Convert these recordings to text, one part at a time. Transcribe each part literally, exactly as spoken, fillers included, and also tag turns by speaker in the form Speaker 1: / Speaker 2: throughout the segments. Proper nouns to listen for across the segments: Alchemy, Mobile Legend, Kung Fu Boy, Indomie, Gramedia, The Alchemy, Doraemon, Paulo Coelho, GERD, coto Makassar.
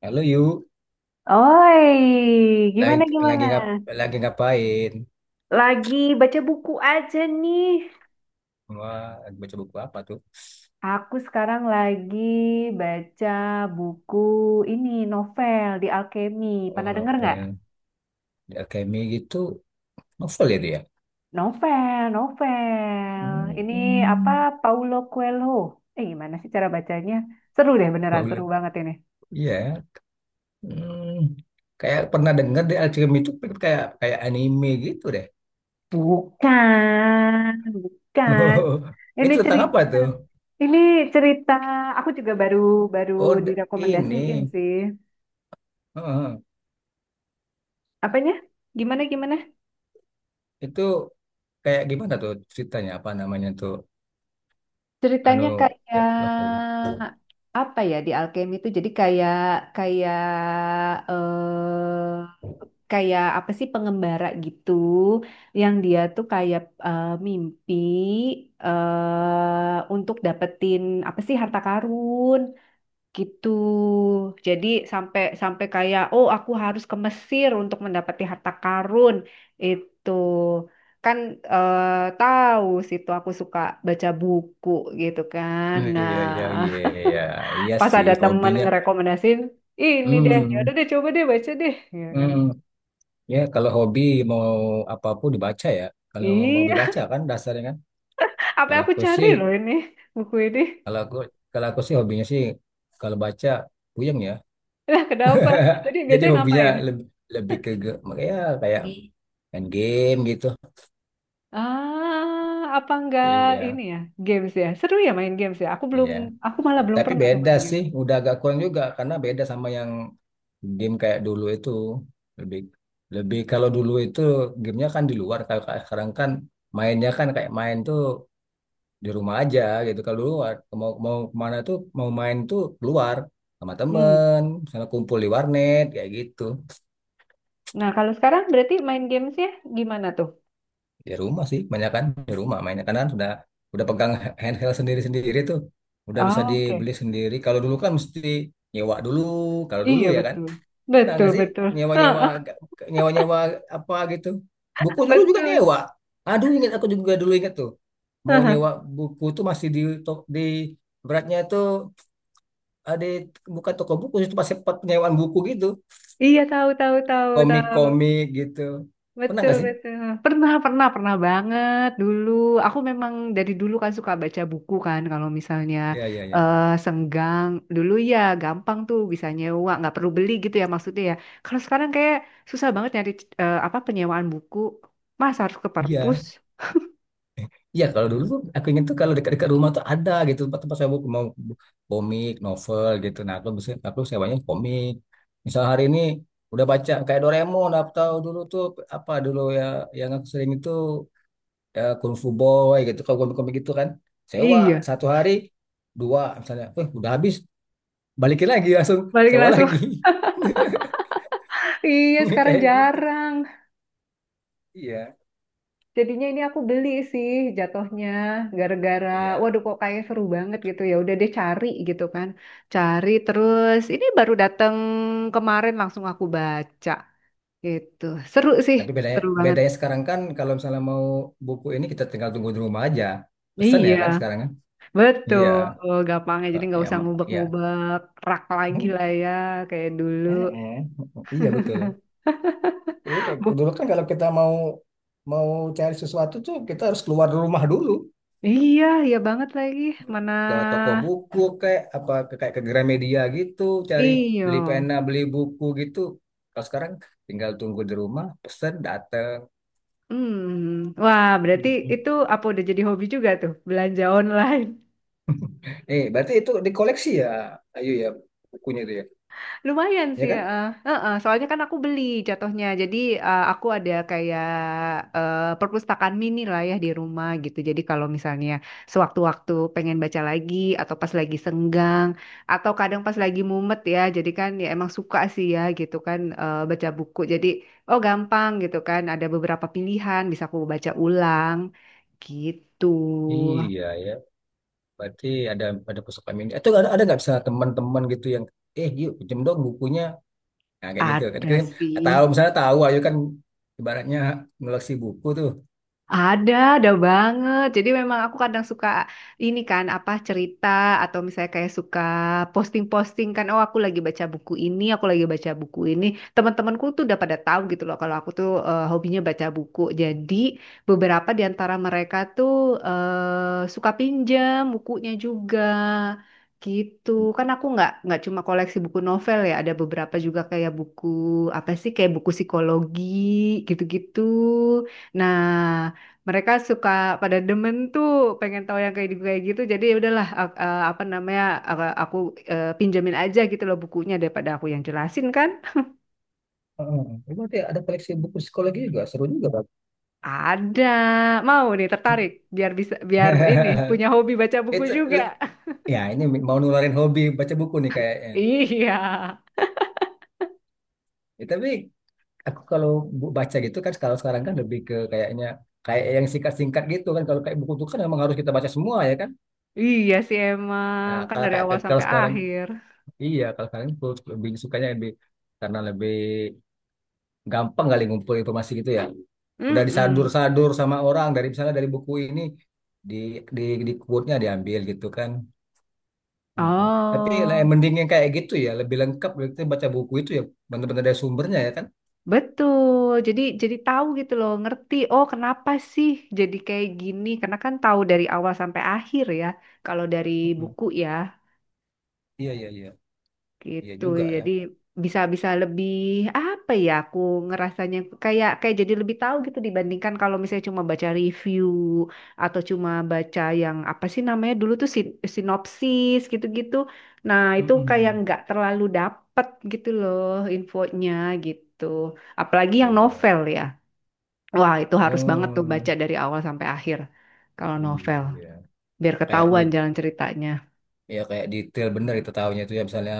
Speaker 1: Halo Yu,
Speaker 2: Oi,
Speaker 1: lagi
Speaker 2: gimana gimana?
Speaker 1: lagi ngap lagi ngapain?
Speaker 2: Lagi baca buku aja nih.
Speaker 1: Wah, lagi baca buku apa tuh?
Speaker 2: Aku sekarang lagi baca buku ini novel di Alchemy.
Speaker 1: Oh,
Speaker 2: Pernah denger nggak?
Speaker 1: novel, The Alchemy gitu, novel ya dia.
Speaker 2: Novel, novel. Ini apa
Speaker 1: Hmm,
Speaker 2: Paulo Coelho? Eh gimana sih cara bacanya? Seru deh beneran, seru
Speaker 1: boleh.
Speaker 2: banget ini.
Speaker 1: Iya. Hmm, Kayak pernah dengar The Alchemy itu kayak kayak anime gitu deh.
Speaker 2: Bukan, bukan. Ini
Speaker 1: Itu tentang apa
Speaker 2: cerita,
Speaker 1: tuh?
Speaker 2: ini cerita. Aku juga baru baru
Speaker 1: Oh, d-
Speaker 2: direkomendasiin
Speaker 1: ini.
Speaker 2: sih.
Speaker 1: Heeh.
Speaker 2: Apanya? Gimana gimana?
Speaker 1: Itu kayak gimana tuh ceritanya? Apa namanya tuh? Anu,
Speaker 2: Ceritanya kayak
Speaker 1: eh, novel.
Speaker 2: apa ya di alkemi itu? Jadi kayak kayak eh kayak apa sih pengembara gitu yang dia tuh kayak eh, mimpi eh untuk dapetin apa sih harta karun. Gitu. Jadi sampai sampai kayak oh aku harus ke Mesir untuk mendapati harta karun itu kan eh, tahu situ aku suka baca buku gitu kan.
Speaker 1: Hmm, Iya, iya, iya,
Speaker 2: Nah,
Speaker 1: iya, iya
Speaker 2: pas
Speaker 1: sih
Speaker 2: ada teman
Speaker 1: hobinya.
Speaker 2: ngerekomendasin ini deh, ya udah
Speaker 1: Hmm.
Speaker 2: deh coba deh baca deh gitu kan.
Speaker 1: Hmm, Ya kalau hobi mau apapun dibaca ya. Kalau mau hobi
Speaker 2: Iya,
Speaker 1: baca kan dasarnya kan.
Speaker 2: apa
Speaker 1: Kalau
Speaker 2: yang aku
Speaker 1: aku
Speaker 2: cari
Speaker 1: sih,
Speaker 2: loh ini buku ini.
Speaker 1: kalau aku kalau aku sih hobinya sih kalau baca puyeng ya.
Speaker 2: Lah kenapa? Jadi
Speaker 1: Jadi
Speaker 2: biasanya
Speaker 1: hobinya
Speaker 2: ngapain?
Speaker 1: lebih lebih ke ge- ya, kayak main game gitu.
Speaker 2: Ah, apa enggak ini
Speaker 1: Iya,
Speaker 2: ya games ya? Seru ya main games ya? Aku belum,
Speaker 1: iya.
Speaker 2: aku malah belum
Speaker 1: Tapi
Speaker 2: pernah tuh
Speaker 1: beda
Speaker 2: main game.
Speaker 1: sih, udah agak kurang juga karena beda sama yang game kayak dulu itu lebih lebih kalau dulu itu gamenya kan di luar, kalau kayak sekarang kan mainnya kan kayak main tuh di rumah aja gitu. Kalau dulu ah, mau mau kemana tuh mau main tuh keluar sama
Speaker 2: Hmm.
Speaker 1: temen, misalnya kumpul di warnet kayak gitu.
Speaker 2: Nah, kalau sekarang berarti main gamesnya gimana tuh?
Speaker 1: Di rumah sih banyak kan, di rumah mainnya karena kan sudah udah pegang handheld sendiri sendiri tuh, udah bisa
Speaker 2: Ah, oke,
Speaker 1: dibeli sendiri. Kalau dulu kan mesti nyewa dulu, kalau dulu
Speaker 2: iya
Speaker 1: ya kan.
Speaker 2: betul,
Speaker 1: Pernah
Speaker 2: betul
Speaker 1: nggak sih
Speaker 2: betul,
Speaker 1: nyewa nyewa,
Speaker 2: heeh,
Speaker 1: nyewa nyewa apa gitu, buku dulu juga
Speaker 2: betul.
Speaker 1: nyewa. Aduh, ingat, aku juga dulu ingat tuh mau
Speaker 2: Heeh.
Speaker 1: nyewa buku tuh masih di tok- di beratnya tuh ada, bukan toko buku, itu pasti tempat penyewaan buku gitu,
Speaker 2: Iya tahu tahu tahu tahu.
Speaker 1: komik-komik gitu. Pernah
Speaker 2: Betul,
Speaker 1: nggak sih?
Speaker 2: betul. Pernah, pernah, pernah banget dulu. Aku memang dari dulu kan suka baca buku kan. Kalau misalnya
Speaker 1: Ya ya ya,
Speaker 2: eh senggang, dulu ya gampang tuh bisa nyewa, nggak perlu beli gitu ya maksudnya ya. Kalau sekarang kayak susah banget nyari eh, apa penyewaan buku. Mas harus ke perpus.
Speaker 1: iya iya, kalau dulu tuh aku ingin tuh kalau dekat-dekat rumah tuh ada gitu tempat tempat sewa buku, mau bu- komik novel gitu. Nah, aku bisa, aku sewanya komik, misal hari ini udah baca kayak Doraemon, atau dulu tuh apa dulu ya yang aku sering itu, ya, Kung Fu Boy gitu, kalau komik-komik gitu kan sewa
Speaker 2: Iya,
Speaker 1: satu hari dua misalnya, eh udah habis, balikin lagi langsung,
Speaker 2: balik
Speaker 1: sewa
Speaker 2: langsung.
Speaker 1: lagi.
Speaker 2: Iya, sekarang
Speaker 1: Kayak gitu,
Speaker 2: jarang.
Speaker 1: iya
Speaker 2: Jadinya ini aku beli sih jatuhnya gara-gara
Speaker 1: iya.
Speaker 2: waduh kok kayak seru banget gitu ya udah deh cari gitu kan. Cari terus ini baru dateng kemarin langsung aku baca gitu. Seru sih,
Speaker 1: Tapi bedanya
Speaker 2: seru banget.
Speaker 1: bedanya sekarang kan, kalau misalnya mau buku ini kita tinggal tunggu di rumah aja, pesan ya kan
Speaker 2: Iya,
Speaker 1: sekarang kan, iya.
Speaker 2: betul. Gampangnya
Speaker 1: Kok
Speaker 2: jadi nggak
Speaker 1: ya
Speaker 2: usah
Speaker 1: ma- ya.
Speaker 2: ngubek-ngubek rak lagi
Speaker 1: Hmm,
Speaker 2: lah ya kayak dulu.
Speaker 1: eh, eh. Iya betul. Iya, kayak
Speaker 2: Bu,
Speaker 1: dulu kan, kalau kita mau mau cari sesuatu tuh kita harus keluar dari rumah dulu.
Speaker 2: iya, iya banget lagi. Mana
Speaker 1: Ke toko buku kayak apa, ke kayak ke Gramedia gitu cari,
Speaker 2: iyo.
Speaker 1: beli pena beli buku gitu. Kalau sekarang tinggal tunggu di rumah, pesan datang.
Speaker 2: Hmm. Wah, berarti itu apa udah jadi hobi juga tuh belanja online.
Speaker 1: Eh, berarti itu dikoleksi ya, Ayu ya, bukunya itu ya,
Speaker 2: Lumayan
Speaker 1: ya
Speaker 2: sih,
Speaker 1: kan?
Speaker 2: heeh. Heeh, soalnya kan aku beli jatuhnya. Jadi eh, aku ada kayak eh, perpustakaan mini lah ya di rumah gitu. Jadi kalau misalnya sewaktu-waktu pengen baca lagi atau pas lagi senggang atau kadang pas lagi mumet ya. Jadi kan ya emang suka sih ya gitu kan eh, baca buku. Jadi oh gampang gitu kan ada beberapa pilihan bisa aku baca ulang gitu.
Speaker 1: Iya ya, berarti ada ada pusaka mini. Itu ada ada nggak bisa teman-teman gitu yang, eh yuk pinjem dong bukunya, nah, kayak gitu kan.
Speaker 2: Ada
Speaker 1: Kan tahu,
Speaker 2: sih.
Speaker 1: misalnya tahu Ayu kan, ibaratnya koleksi buku tuh.
Speaker 2: Ada, ada banget. Jadi memang aku kadang suka ini kan apa cerita atau misalnya kayak suka posting-posting kan, oh aku lagi baca buku ini, aku lagi baca buku ini. Teman-temanku tuh udah pada tahu gitu loh kalau aku tuh eh, hobinya baca buku. Jadi beberapa di antara mereka tuh eh, suka pinjam bukunya juga. Gitu kan aku nggak nggak cuma koleksi buku novel ya ada beberapa juga kayak buku apa sih kayak buku psikologi gitu-gitu. Nah, mereka suka pada demen tuh pengen tahu yang kayak di- kayak gitu jadi ya udahlah a- a- apa namanya aku, aku, eh, pinjamin aja gitu loh bukunya daripada aku yang jelasin kan
Speaker 1: Heeh. Eh, berarti ada koleksi buku psikologi juga, seru juga, Bang.
Speaker 2: ada mau nih tertarik biar bisa biar ini punya hobi baca buku
Speaker 1: Itu
Speaker 2: juga.
Speaker 1: le- ya, ini mau nularin hobi baca buku nih kayaknya nih.
Speaker 2: Iya,
Speaker 1: Ya, tapi aku kalau bu- baca gitu kan, kalau sekarang kan lebih ke kayaknya kayak yang singkat-singkat gitu kan, kalau kayak buku itu kan memang harus kita baca semua ya kan.
Speaker 2: iya sih emang
Speaker 1: Nah,
Speaker 2: kan
Speaker 1: kalau
Speaker 2: dari
Speaker 1: kayak
Speaker 2: awal
Speaker 1: kayak- kalau
Speaker 2: sampai
Speaker 1: sekarang,
Speaker 2: akhir.
Speaker 1: iya kalau sekarang aku lebih sukanya, lebih karena lebih gampang kali ngumpul informasi gitu ya. Udah
Speaker 2: Mm.
Speaker 1: disadur-sadur sama orang dari misalnya dari buku ini di, di di quote-nya diambil gitu kan. Mm-mm. Tapi lah,
Speaker 2: Oh.
Speaker 1: yang mending yang kayak gitu ya, lebih lengkap kita baca buku itu ya, benar-benar dari sumbernya ya kan.
Speaker 2: Betul. Jadi jadi tahu gitu loh, ngerti. Oh, kenapa sih jadi kayak gini? Karena kan tahu dari awal sampai akhir ya. Kalau dari
Speaker 1: Mm-mm,
Speaker 2: buku ya,
Speaker 1: iya iya iya, iya
Speaker 2: gitu.
Speaker 1: juga ya.
Speaker 2: Jadi bisa bisa lebih apa ya? Aku ngerasanya kayak kayak jadi lebih tahu gitu dibandingkan kalau misalnya cuma baca review atau cuma baca yang apa sih namanya dulu tuh sin- sinopsis gitu-gitu. Nah, itu kayak
Speaker 1: Mm-mm,
Speaker 2: nggak terlalu dapet gitu loh infonya gitu. Apalagi yang
Speaker 1: iya.
Speaker 2: novel ya. Wah, itu harus banget tuh
Speaker 1: Oh
Speaker 2: baca dari awal sampai akhir kalau novel,
Speaker 1: iya,
Speaker 2: biar
Speaker 1: kayak di,
Speaker 2: ketahuan jalan ceritanya.
Speaker 1: ya kayak detail bener itu tahunya itu ya, misalnya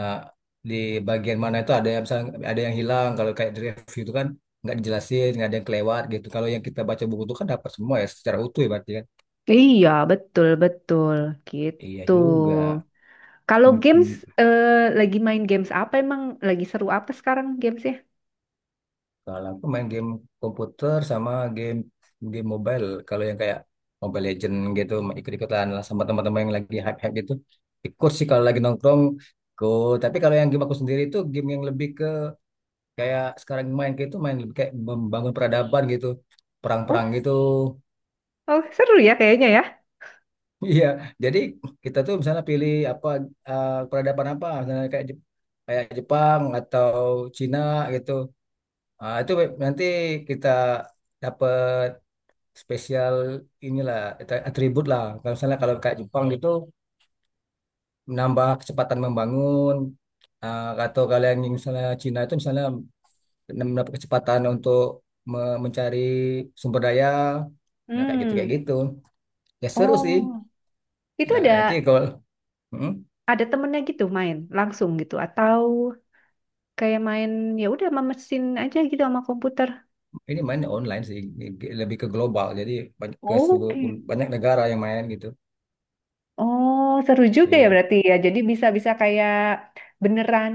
Speaker 1: di bagian mana itu ada yang misalnya ada yang hilang, kalau kayak di review itu kan nggak dijelasin, nggak ada yang kelewat gitu. Kalau yang kita baca buku itu kan dapat semua ya, secara utuh ya berarti kan.
Speaker 2: Iya, betul betul
Speaker 1: Iya
Speaker 2: gitu.
Speaker 1: juga.
Speaker 2: Kalau games
Speaker 1: Mm-mm.
Speaker 2: eh, lagi main games apa emang lagi seru apa sekarang gamesnya?
Speaker 1: Kalau aku main game komputer sama game game mobile. Kalau yang kayak Mobile Legend gitu, ikut-ikutan lah sama teman-teman yang lagi hype-hype gitu. Ikut sih kalau lagi nongkrong ikut. Tapi kalau yang game aku sendiri itu game yang lebih ke kayak sekarang main, kayak itu main lebih kayak membangun peradaban gitu, perang-perang
Speaker 2: Oh,
Speaker 1: gitu.
Speaker 2: oh seru ya kayaknya ya.
Speaker 1: Iya, jadi kita tuh misalnya pilih apa, eh, peradaban apa misalnya kayak Jep- kayak Jepang atau Cina gitu. Ah, itu nanti kita dapat spesial inilah at- atribut lah, kalau misalnya kalau kayak Jepang gitu menambah kecepatan membangun. Ah, atau kalian yang misalnya Cina itu misalnya dan mendapat kecepatan untuk me- mencari sumber daya. Nah kayak gitu, kayak
Speaker 2: Hmm.
Speaker 1: gitu ya, seru sih.
Speaker 2: Oh, itu
Speaker 1: Nah
Speaker 2: ada
Speaker 1: nanti kalau, Hmm,
Speaker 2: ada temennya gitu main langsung gitu atau kayak main ya udah sama mesin aja gitu sama komputer.
Speaker 1: ini mainnya online sih, lebih ke global, jadi banyak ke seluruh,
Speaker 2: Oke.
Speaker 1: banyak negara yang main gitu.
Speaker 2: Oh, seru juga ya
Speaker 1: Iya.
Speaker 2: berarti ya. Jadi bisa-bisa kayak beneran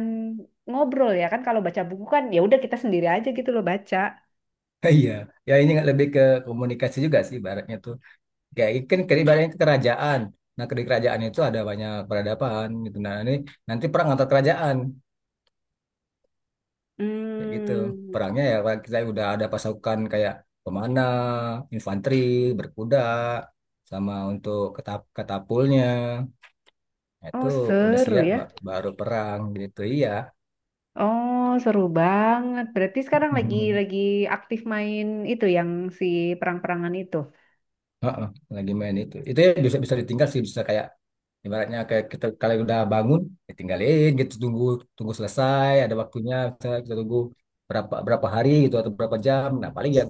Speaker 2: ngobrol ya kan kalau baca buku kan ya udah kita sendiri aja gitu loh baca.
Speaker 1: Iya, ya ini nggak, lebih ke komunikasi juga sih baratnya tuh, kayak kan ibaratnya ke kerajaan, nah ke di kerajaan itu ada banyak peradaban gitu, nah ini nanti perang antar kerajaan, kayak gitu.
Speaker 2: Hmm.
Speaker 1: Perangnya ya kayak kita udah ada pasukan kayak pemana, infanteri, berkuda, sama untuk ketap katapulnya. Nah, itu
Speaker 2: Oh,
Speaker 1: udah
Speaker 2: seru
Speaker 1: siap
Speaker 2: ya.
Speaker 1: ba- baru perang gitu, iya.
Speaker 2: Oh, seru banget. Berarti sekarang lagi lagi aktif main itu yang si perang-perangan itu.
Speaker 1: Heeh, lagi main itu itu ya, bisa bisa ditinggal sih, bisa kayak ibaratnya kayak kita kalau udah bangun ditinggalin gitu, tunggu tunggu selesai ada waktunya, misalnya kita tunggu berapa berapa hari gitu atau berapa jam, nah paling ya,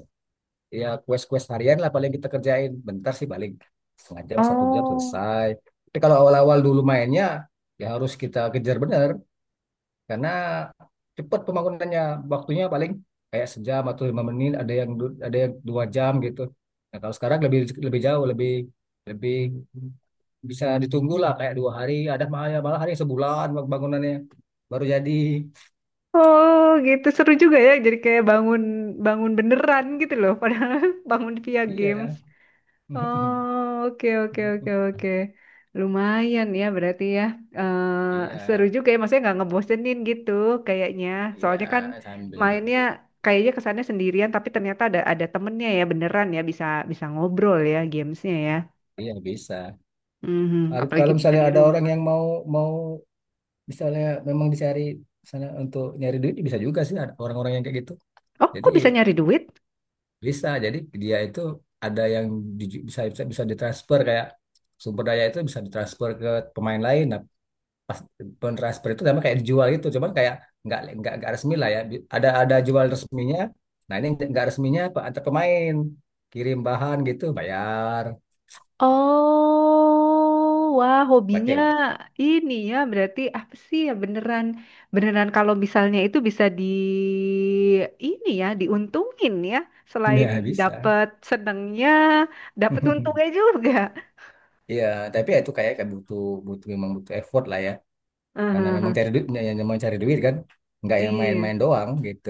Speaker 1: ya quest-quest harian lah paling kita kerjain. Bentar sih paling setengah jam, satu jam
Speaker 2: Oh.
Speaker 1: selesai. Tapi kalau awal-awal dulu mainnya ya harus kita kejar bener karena cepat pembangunannya. Waktunya paling kayak sejam atau lima menit, ada yang du- ada yang dua jam gitu. Nah, kalau sekarang lebih lebih jauh, lebih lebih bisa ditunggu lah kayak dua hari, ada malah malah hari sebulan bangunannya baru jadi.
Speaker 2: Oh, gitu seru juga ya. Jadi kayak bangun bangun beneran gitu loh padahal bangun via game.
Speaker 1: Iya.
Speaker 2: Oh, oke, oke, oke, oke. Lumayan ya berarti ya. Eh, seru
Speaker 1: Iya,
Speaker 2: juga ya, maksudnya nggak ngebosenin gitu kayaknya.
Speaker 1: iya
Speaker 2: Soalnya kan
Speaker 1: sambil
Speaker 2: mainnya
Speaker 1: nunggu.
Speaker 2: kayaknya kesannya sendirian, tapi ternyata ada ada temennya ya beneran ya bisa bisa ngobrol ya gamesnya ya.
Speaker 1: Iya bisa.
Speaker 2: Mhm,
Speaker 1: Har-
Speaker 2: apalagi
Speaker 1: Kalau
Speaker 2: bisa
Speaker 1: misalnya
Speaker 2: di
Speaker 1: ada orang
Speaker 2: rumah.
Speaker 1: yang mau mau misalnya memang dicari misalnya untuk nyari duit ya bisa juga sih, ada orang-orang yang kayak gitu.
Speaker 2: Oh,
Speaker 1: Jadi
Speaker 2: kok bisa nyari duit?
Speaker 1: bisa. Jadi dia itu ada yang di- bisa bisa bisa ditransfer, kayak sumber daya itu bisa ditransfer ke pemain lain. Nah, pas pentransfer itu sama kayak dijual gitu. Cuman kayak nggak nggak nggak resmi lah ya. Bi- Ada ada jual resminya. Nah ini nggak resminya pe- antar pemain kirim bahan gitu bayar
Speaker 2: Oh, wah hobinya
Speaker 1: pakai.
Speaker 2: ini ya berarti apa sih ya beneran beneran kalau misalnya itu bisa di ini ya diuntungin ya selain
Speaker 1: Ya bisa.
Speaker 2: dapat senengnya dapat untungnya juga.
Speaker 1: Iya, tapi ya itu kayak kayak butuh butuh memang butuh effort lah ya. Karena memang
Speaker 2: Heeh,
Speaker 1: cari duit ya, ya, memang cari duit kan. Nggak yang
Speaker 2: iya.
Speaker 1: main-main doang gitu.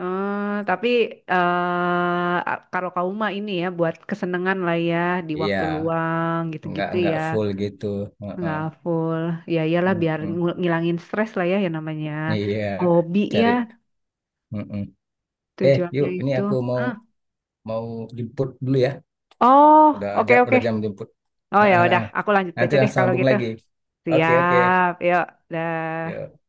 Speaker 2: Eh, tapi eh kalau kamu mah ini ya buat kesenangan lah ya di waktu
Speaker 1: Iya,
Speaker 2: luang
Speaker 1: nggak
Speaker 2: gitu-gitu
Speaker 1: nggak
Speaker 2: ya.
Speaker 1: full gitu. Heeh,
Speaker 2: Nggak full. Ya iyalah biar
Speaker 1: heeh.
Speaker 2: ngul- ngilangin stres lah ya yang namanya
Speaker 1: Iya,
Speaker 2: hobi ya.
Speaker 1: cari. Heeh. Eh, yuk,
Speaker 2: Tujuannya
Speaker 1: ini
Speaker 2: itu.
Speaker 1: aku mau
Speaker 2: Ah.
Speaker 1: mau jemput dulu ya.
Speaker 2: Oh,
Speaker 1: Udah
Speaker 2: oke
Speaker 1: jam
Speaker 2: oke.
Speaker 1: udah jam jemput.
Speaker 2: Oh ya
Speaker 1: Heeh.
Speaker 2: udah, aku lanjut
Speaker 1: Nanti
Speaker 2: baca deh
Speaker 1: langsung
Speaker 2: kalau
Speaker 1: sambung
Speaker 2: gitu.
Speaker 1: lagi. Oke, oke.
Speaker 2: Siap, yuk. Dah.
Speaker 1: Yuk.